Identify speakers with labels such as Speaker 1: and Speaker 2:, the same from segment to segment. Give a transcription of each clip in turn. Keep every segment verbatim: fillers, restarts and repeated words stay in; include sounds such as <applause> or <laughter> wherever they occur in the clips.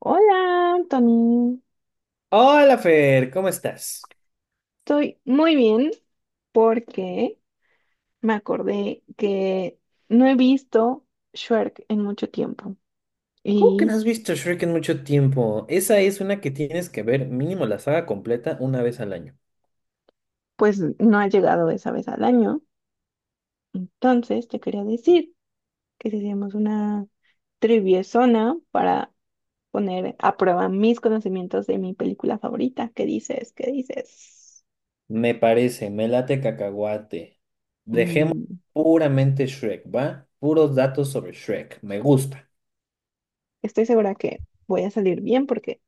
Speaker 1: Hola, Anthony.
Speaker 2: Hola Fer, ¿cómo estás?
Speaker 1: Estoy muy bien porque me acordé que no he visto Shrek en mucho tiempo
Speaker 2: ¿Cómo que no
Speaker 1: y
Speaker 2: has visto Shrek en mucho tiempo? Esa es una que tienes que ver mínimo la saga completa una vez al año.
Speaker 1: pues no ha llegado esa vez al año. Entonces te quería decir que si hacíamos una triviezona para poner a prueba mis conocimientos de mi película favorita. ¿Qué dices? ¿Qué dices?
Speaker 2: Me parece, me late cacahuate. Dejemos
Speaker 1: Mm,
Speaker 2: puramente Shrek, ¿va? Puros datos sobre Shrek. Me gusta,
Speaker 1: Estoy segura que voy a salir bien porque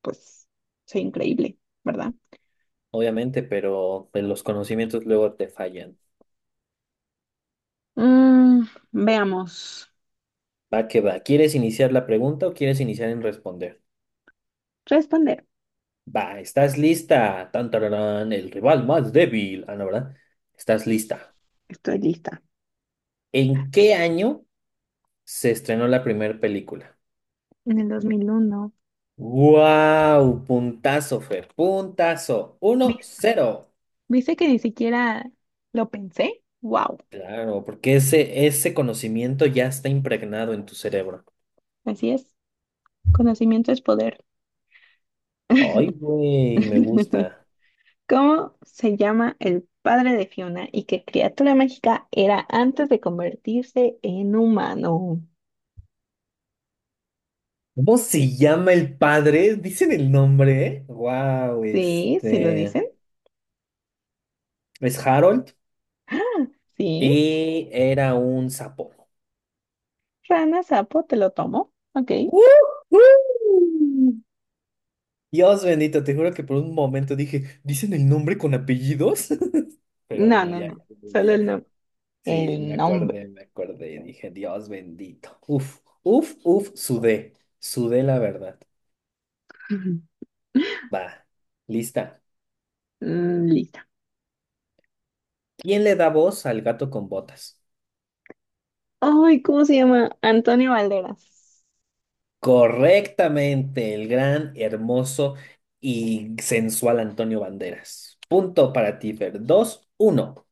Speaker 1: pues soy increíble, ¿verdad?
Speaker 2: obviamente, pero pues, los conocimientos luego te fallan.
Speaker 1: Mm, Veamos.
Speaker 2: Va que va. ¿Quieres iniciar la pregunta o quieres iniciar en responder?
Speaker 1: Responder.
Speaker 2: Va, ¿estás lista? Tan, tararán, el rival más débil. Ah, no, ¿verdad? ¿Estás lista?
Speaker 1: Estoy lista.
Speaker 2: ¿En qué año se estrenó la primera película?
Speaker 1: En el dos mil uno.
Speaker 2: ¡Wow! Puntazo, Fer. Puntazo. Uno
Speaker 1: ¿Vis-
Speaker 2: cero.
Speaker 1: ¿Viste que ni siquiera lo pensé? ¡Wow!
Speaker 2: Claro, porque ese, ese conocimiento ya está impregnado en tu cerebro.
Speaker 1: Así es. Conocimiento es poder.
Speaker 2: Ay, güey, me
Speaker 1: <laughs>
Speaker 2: gusta.
Speaker 1: ¿Cómo se llama el padre de Fiona y qué criatura mágica era antes de convertirse en humano?
Speaker 2: ¿Cómo se llama el padre? Dicen el nombre. Wow,
Speaker 1: Sí, ¿se lo
Speaker 2: este.
Speaker 1: dicen?
Speaker 2: Es Harold
Speaker 1: ¡Ah! Sí.
Speaker 2: y era un sapo.
Speaker 1: Rana, sapo, te lo tomo. Ok.
Speaker 2: ¡Woohoo! Dios bendito, te juro que por un momento dije, ¿dicen el nombre con apellidos? <laughs> Pero
Speaker 1: No,
Speaker 2: no,
Speaker 1: no,
Speaker 2: ya,
Speaker 1: no.
Speaker 2: ya, ya,
Speaker 1: Solo el
Speaker 2: ya.
Speaker 1: nombre.
Speaker 2: Sí, me
Speaker 1: El nombre.
Speaker 2: acordé, me acordé. Dije, Dios bendito. Uf, uf, uf, sudé. Sudé la verdad.
Speaker 1: <laughs>
Speaker 2: Va, lista.
Speaker 1: Mm, Listo.
Speaker 2: ¿Quién le da voz al gato con botas?
Speaker 1: Ay, ¿cómo se llama? Antonio Banderas.
Speaker 2: Correctamente, el gran, hermoso y sensual Antonio Banderas. Punto para ti, Fer. Dos, uno.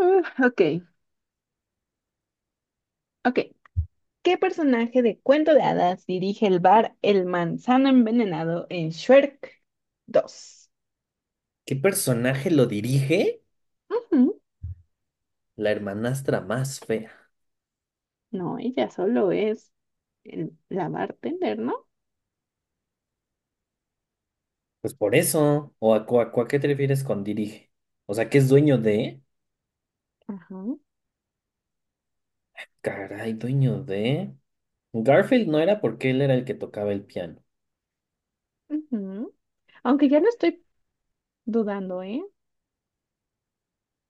Speaker 1: Mm, ok, ok. ¿Qué personaje de Cuento de Hadas dirige el bar El Manzano Envenenado en Shrek dos?
Speaker 2: ¿Qué personaje lo dirige?
Speaker 1: Ujú.
Speaker 2: La hermanastra más fea.
Speaker 1: No, ella solo es el- la bartender, ¿no?
Speaker 2: Pues por eso. ¿O a, cu- a cu- a qué te refieres con dirige? O sea, que es dueño de...
Speaker 1: Ajá.
Speaker 2: Caray, dueño de... Garfield no era porque él era el que tocaba el piano.
Speaker 1: Ujú. Aunque ya no estoy dudando, ¿eh?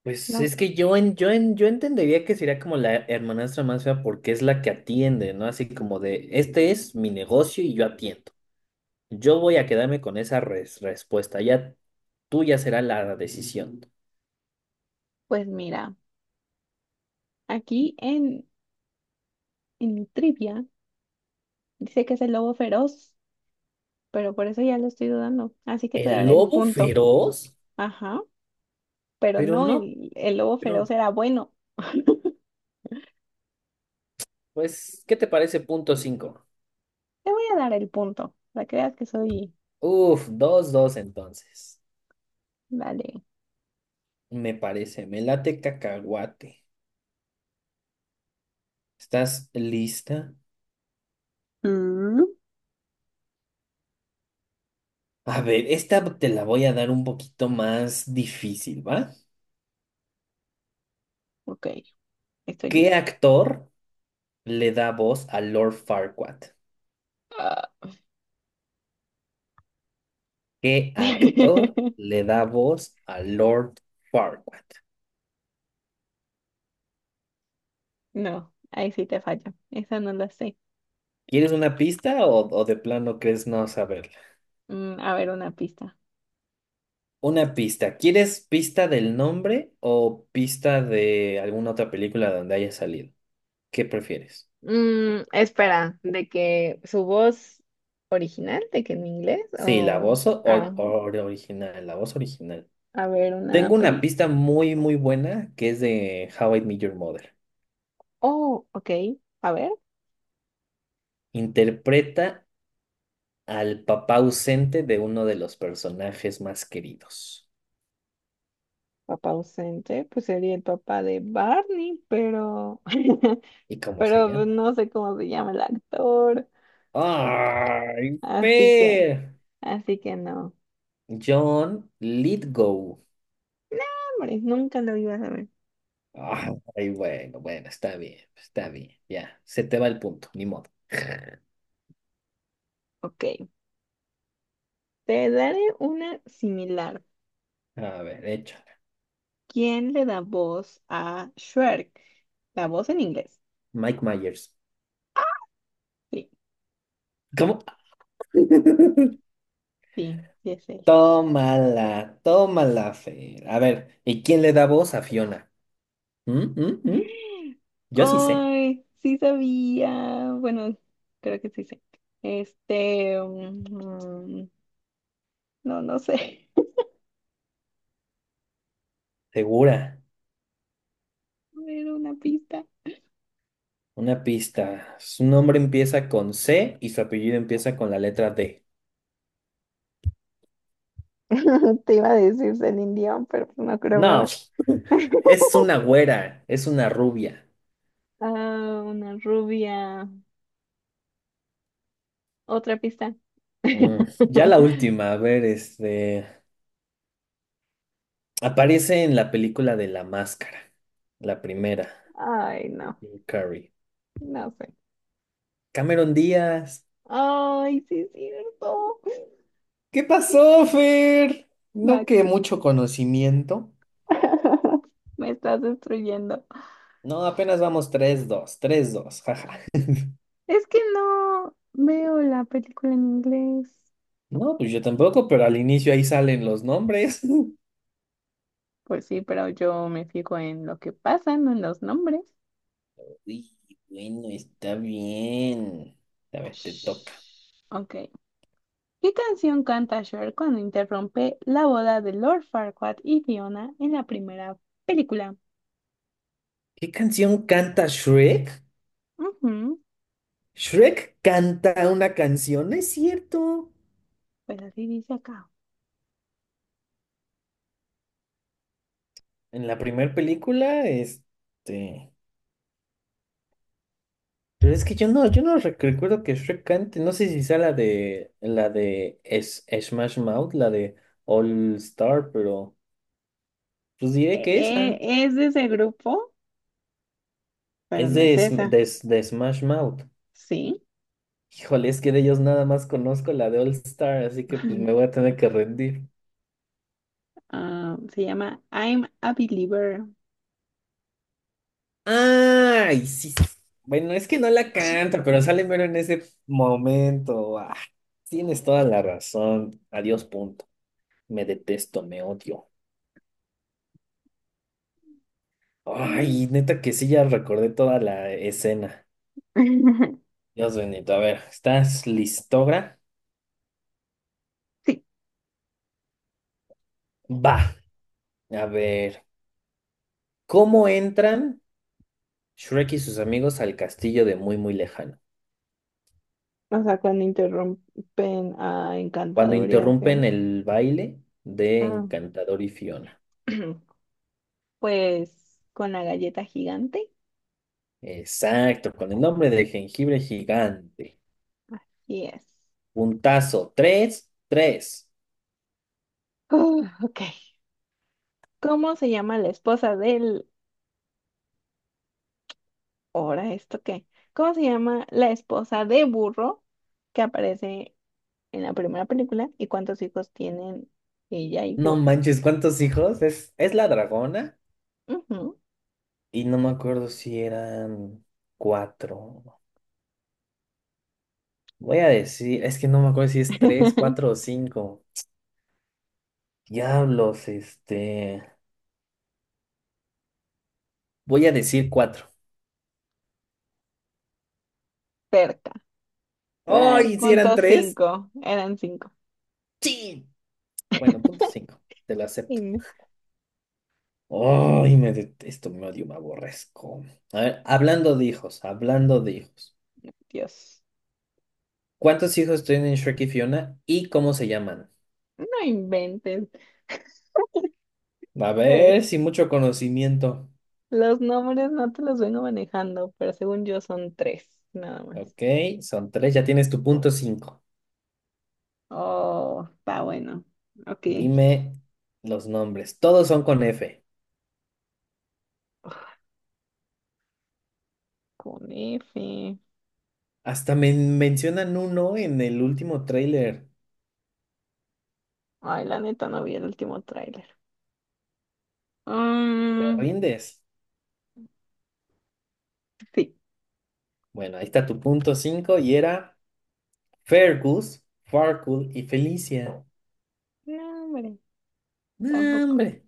Speaker 2: Pues
Speaker 1: No,
Speaker 2: es que yo, en, yo, en, yo entendería que sería como la hermanastra más fea porque es la que atiende, ¿no? Así como de, este es mi negocio y yo atiendo. Yo voy a quedarme con esa res- respuesta, ya tuya será la decisión.
Speaker 1: pues mira, aquí en, en mi trivia dice que es el lobo feroz, pero por eso ya lo estoy dudando. Así que te
Speaker 2: El
Speaker 1: daré el
Speaker 2: lobo
Speaker 1: punto.
Speaker 2: feroz,
Speaker 1: Ajá. Pero
Speaker 2: pero
Speaker 1: no,
Speaker 2: no,
Speaker 1: el, el lobo
Speaker 2: pero
Speaker 1: feroz era bueno. <laughs>
Speaker 2: pues, ¿qué te parece punto cinco?
Speaker 1: Te voy a dar el punto, para que veas que soy...
Speaker 2: Uf, dos dos entonces.
Speaker 1: Vale.
Speaker 2: Me parece, me late cacahuate. ¿Estás lista?
Speaker 1: Mm,
Speaker 2: A ver, esta te la voy a dar un poquito más difícil, ¿va?
Speaker 1: Ok, estoy
Speaker 2: ¿Qué
Speaker 1: lista.
Speaker 2: actor le da voz a Lord Farquaad?
Speaker 1: Ah.
Speaker 2: ¿Qué actor
Speaker 1: <laughs>
Speaker 2: le da voz a Lord Farquaad?
Speaker 1: No, ahí sí te falla. Esa no la sé.
Speaker 2: ¿Quieres una pista o, o de plano crees no saberla?
Speaker 1: Mm, a ver, una pista.
Speaker 2: Una pista. ¿Quieres pista del nombre o pista de alguna otra película donde haya salido? ¿Qué prefieres?
Speaker 1: Mm, espera, de que su voz original, de que en inglés
Speaker 2: Sí, la
Speaker 1: o...
Speaker 2: voz o,
Speaker 1: Ah,
Speaker 2: o- o- original, la voz original.
Speaker 1: a ver, una
Speaker 2: Tengo una
Speaker 1: peli.
Speaker 2: pista muy, muy buena que es de How I Met Your Mother.
Speaker 1: Oh, ok, a ver,
Speaker 2: Interpreta al papá ausente de uno de los personajes más queridos.
Speaker 1: papá ausente, pues sería el papá de Barney, pero... <laughs>
Speaker 2: ¿Y cómo se
Speaker 1: Pero pues,
Speaker 2: llama?
Speaker 1: no sé cómo se llama el actor,
Speaker 2: ¡Ay,
Speaker 1: así que,
Speaker 2: Fer!
Speaker 1: así que no.
Speaker 2: John Lithgow.
Speaker 1: No, hombre, nunca lo iba a saber.
Speaker 2: Ay, bueno, bueno, está bien, está bien. Ya, se te va el punto, ni modo.
Speaker 1: Ok, te daré una similar.
Speaker 2: A ver, échala.
Speaker 1: ¿Quién le da voz a Shrek? La voz en inglés.
Speaker 2: Mike Myers.
Speaker 1: Sí,
Speaker 2: ¿Cómo? <laughs>
Speaker 1: sí, sí es él.
Speaker 2: Tómala, tómala, Fer. A ver, ¿y quién le da voz a Fiona? ¿Mm, mm, mm?
Speaker 1: <gasps>
Speaker 2: Yo sí sé,
Speaker 1: Ay, sí sabía. Bueno, creo que sí sé. Este, mm, no, no sé.
Speaker 2: segura.
Speaker 1: <laughs> Era una pista.
Speaker 2: Una pista. Su nombre empieza con C y su apellido empieza con la letra D.
Speaker 1: <laughs> Te iba a decir Celine Dion, pero no
Speaker 2: No,
Speaker 1: creo.
Speaker 2: <laughs> es una
Speaker 1: <laughs>
Speaker 2: güera, es una rubia.
Speaker 1: Ah, una rubia. Otra pista.
Speaker 2: Mm, ya la
Speaker 1: <laughs>
Speaker 2: última, a ver, este... Aparece en la película de La Máscara, la primera,
Speaker 1: Ay, no,
Speaker 2: Jim Carrey.
Speaker 1: no sé.
Speaker 2: Cameron Díaz.
Speaker 1: Ay, sí es cierto.
Speaker 2: ¿Qué pasó, Fer?
Speaker 1: La
Speaker 2: No que
Speaker 1: c-
Speaker 2: mucho conocimiento.
Speaker 1: <laughs> Me estás destruyendo.
Speaker 2: No, apenas vamos tres, dos, tres, dos. Jaja. <laughs>
Speaker 1: Es que no veo la película en inglés.
Speaker 2: No, pues yo tampoco, pero al inicio ahí salen los nombres. <laughs>
Speaker 1: Pues sí, pero yo me fijo en lo que pasa, no en los nombres.
Speaker 2: Sí, bueno, está bien. A ver, te toca.
Speaker 1: Shh. Ok. ¿Qué canción canta Cher cuando interrumpe la boda de Lord Farquaad y Fiona en la primera película?
Speaker 2: ¿Qué canción canta Shrek?
Speaker 1: Ujú,
Speaker 2: Shrek canta una canción, ¿no es cierto?
Speaker 1: pues así dice acá.
Speaker 2: En la primera película, este. Pero es que yo no, yo no rec- recuerdo que Shrek cante. No sé si sea la de la de Es- Smash Mouth, la de All Star, pero pues diré
Speaker 1: E-
Speaker 2: que esa.
Speaker 1: e- es de ese grupo, pero
Speaker 2: Es
Speaker 1: no
Speaker 2: de,
Speaker 1: es
Speaker 2: Sm-
Speaker 1: esa.
Speaker 2: de, S- de Smash Mouth.
Speaker 1: Sí.
Speaker 2: Híjole, es que de ellos nada más conozco la de All Star, así que pues
Speaker 1: Mm.
Speaker 2: me voy a tener que rendir.
Speaker 1: Ah, se llama I'm a Believer.
Speaker 2: Ay, sí. Sí. Bueno, es que no la canta, pero sale mero en ese momento. Ah, tienes toda la razón. Adiós, punto. Me detesto, me odio. Ay,
Speaker 1: Ah.
Speaker 2: neta que sí, ya recordé toda la escena.
Speaker 1: <laughs>
Speaker 2: Dios bendito. A ver, ¿estás listogra?
Speaker 1: Sí.
Speaker 2: Va. A ver, ¿cómo entran Shrek y sus amigos al castillo de muy, muy lejano?
Speaker 1: O sea, cuando interrumpen a
Speaker 2: Cuando
Speaker 1: Encantador y a Fiona.
Speaker 2: interrumpen el baile de
Speaker 1: Ah,
Speaker 2: Encantador y Fiona.
Speaker 1: <clears throat> pues con la galleta gigante.
Speaker 2: Exacto, con el nombre de jengibre gigante.
Speaker 1: Así es.
Speaker 2: Puntazo. Tres, tres.
Speaker 1: Uh, ok. ¿Cómo se llama la esposa del... Ahora, ¿esto qué? ¿Cómo se llama la esposa de burro que aparece en la primera película y cuántos hijos tienen ella y
Speaker 2: No
Speaker 1: Burro.
Speaker 2: manches, ¿cuántos hijos? Es, es la dragona.
Speaker 1: Ujú.
Speaker 2: Y no me acuerdo si eran cuatro. Voy a decir, es que no me acuerdo si es tres, cuatro o
Speaker 1: <laughs>
Speaker 2: cinco. Diablos, este. Voy a decir cuatro.
Speaker 1: Cerca. Te voy a dar
Speaker 2: ¡Ay! ¿Si eran
Speaker 1: punto
Speaker 2: tres?
Speaker 1: cinco. Eran cinco.
Speaker 2: Sí. Bueno, punto cinco. Te lo acepto.
Speaker 1: In-
Speaker 2: ¡Ay! Me detesto, me odio, me aborrezco. A ver, hablando de hijos, hablando de hijos.
Speaker 1: Dios.
Speaker 2: ¿Cuántos hijos tienen Shrek y Fiona y cómo se llaman?
Speaker 1: No inventes.
Speaker 2: A
Speaker 1: Eh,
Speaker 2: ver, sin mucho conocimiento.
Speaker 1: Los nombres no te los vengo manejando, pero según yo son tres, nada más.
Speaker 2: Ok, son tres, ya tienes tu punto cinco.
Speaker 1: Oh, está bueno. Ok.
Speaker 2: Dime los nombres. Todos son con F.
Speaker 1: Con F.
Speaker 2: Hasta me mencionan uno en el último tráiler.
Speaker 1: Ay, la neta, no vi el último tráiler.
Speaker 2: ¿Te
Speaker 1: Mm,
Speaker 2: rindes?
Speaker 1: sí.
Speaker 2: Bueno, ahí está tu punto cinco y era Fergus, Farkul y Felicia.
Speaker 1: No, hombre,
Speaker 2: ¡No,
Speaker 1: tampoco.
Speaker 2: hombre!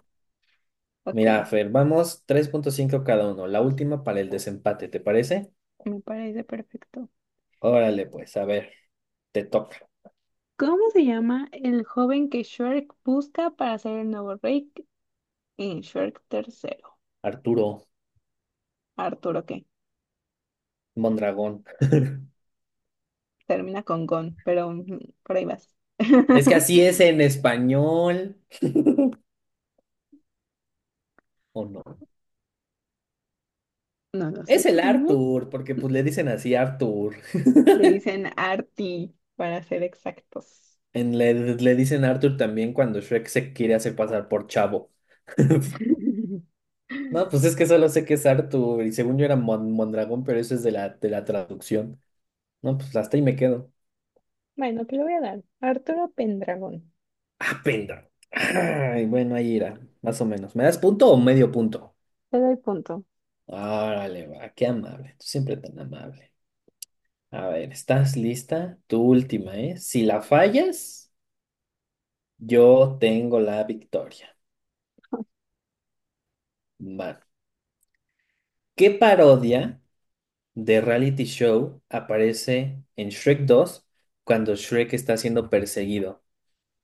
Speaker 1: Ok,
Speaker 2: Mira, Fer, vamos tres punto cinco cada uno. La última para el desempate, ¿te parece?
Speaker 1: me parece perfecto.
Speaker 2: Órale, pues, a ver, te toca.
Speaker 1: ¿Cómo se llama el joven que Shrek busca para ser el nuevo rey en Shrek tercero?
Speaker 2: Arturo
Speaker 1: Arturo, que
Speaker 2: Mondragón.
Speaker 1: termina con Gon, pero mm, por ahí vas.
Speaker 2: Es que
Speaker 1: <laughs>
Speaker 2: así es en español. ¿O no?
Speaker 1: No lo sé,
Speaker 2: Es
Speaker 1: tú
Speaker 2: el
Speaker 1: dime.
Speaker 2: Arthur, porque pues le dicen así Arthur. <laughs>
Speaker 1: Le dicen Arti, para ser exactos.
Speaker 2: En- le, le dicen Arthur también cuando Shrek se quiere hacer pasar por Chavo. <laughs>
Speaker 1: <laughs>
Speaker 2: No, pues es que solo sé que es Arthur y según yo era Mon- Mondragón, pero eso es de la, de la traducción. No, pues hasta ahí me quedo.
Speaker 1: Bueno, te lo voy a dar. Arturo Pendragón.
Speaker 2: Ah, penda. Ay, bueno, ahí irá, más o menos. ¿Me das punto o medio punto?
Speaker 1: Te doy punto.
Speaker 2: Órale, va, qué amable. Tú siempre tan amable. A ver, ¿estás lista? Tu última, ¿eh? Si la fallas, yo tengo la victoria. Va. ¿Qué parodia de reality show aparece en Shrek dos cuando Shrek está siendo perseguido?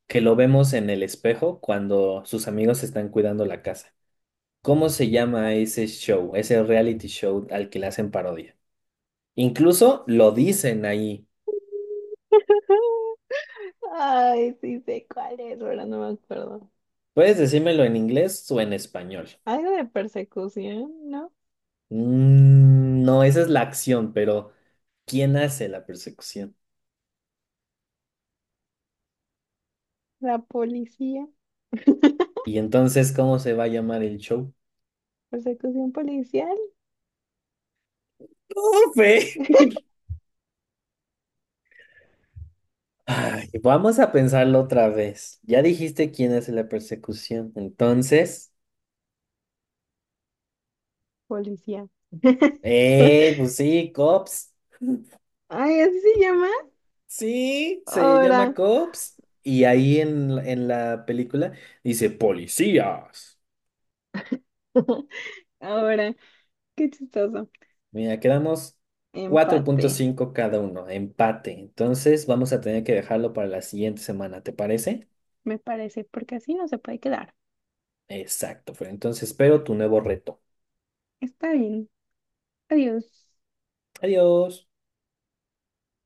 Speaker 2: Que lo vemos en el espejo cuando sus amigos están cuidando la casa. ¿Cómo se llama ese show, ese reality show al que le hacen parodia? Incluso lo dicen ahí.
Speaker 1: <laughs> Ay, sí sé cuál es, pero no me acuerdo.
Speaker 2: Puedes decírmelo en inglés o en español.
Speaker 1: Algo de persecución, ¿no?
Speaker 2: Mm, no, esa es la acción, pero ¿quién hace la persecución?
Speaker 1: La policía. <laughs>
Speaker 2: Y entonces, ¿cómo se va a llamar el show?
Speaker 1: ¿Persecución policial?
Speaker 2: ¡Profe! Ay, vamos a pensarlo otra vez. Ya dijiste quién es la persecución. Entonces,
Speaker 1: Policía. <laughs>
Speaker 2: eh, pues sí, Cops.
Speaker 1: Ay, así se llama.
Speaker 2: Sí, se
Speaker 1: Ahora,
Speaker 2: llama Cops. Y ahí en la- en la película dice policías.
Speaker 1: <laughs> ahora, qué chistoso.
Speaker 2: Mira, quedamos cuatro
Speaker 1: Empate,
Speaker 2: punto cinco cada uno, empate. Entonces, vamos a tener que dejarlo para la siguiente semana, ¿te parece?
Speaker 1: me parece, porque así no se puede quedar.
Speaker 2: Exacto, Fer. Entonces, espero tu nuevo reto.
Speaker 1: Está bien. Adiós.
Speaker 2: Adiós.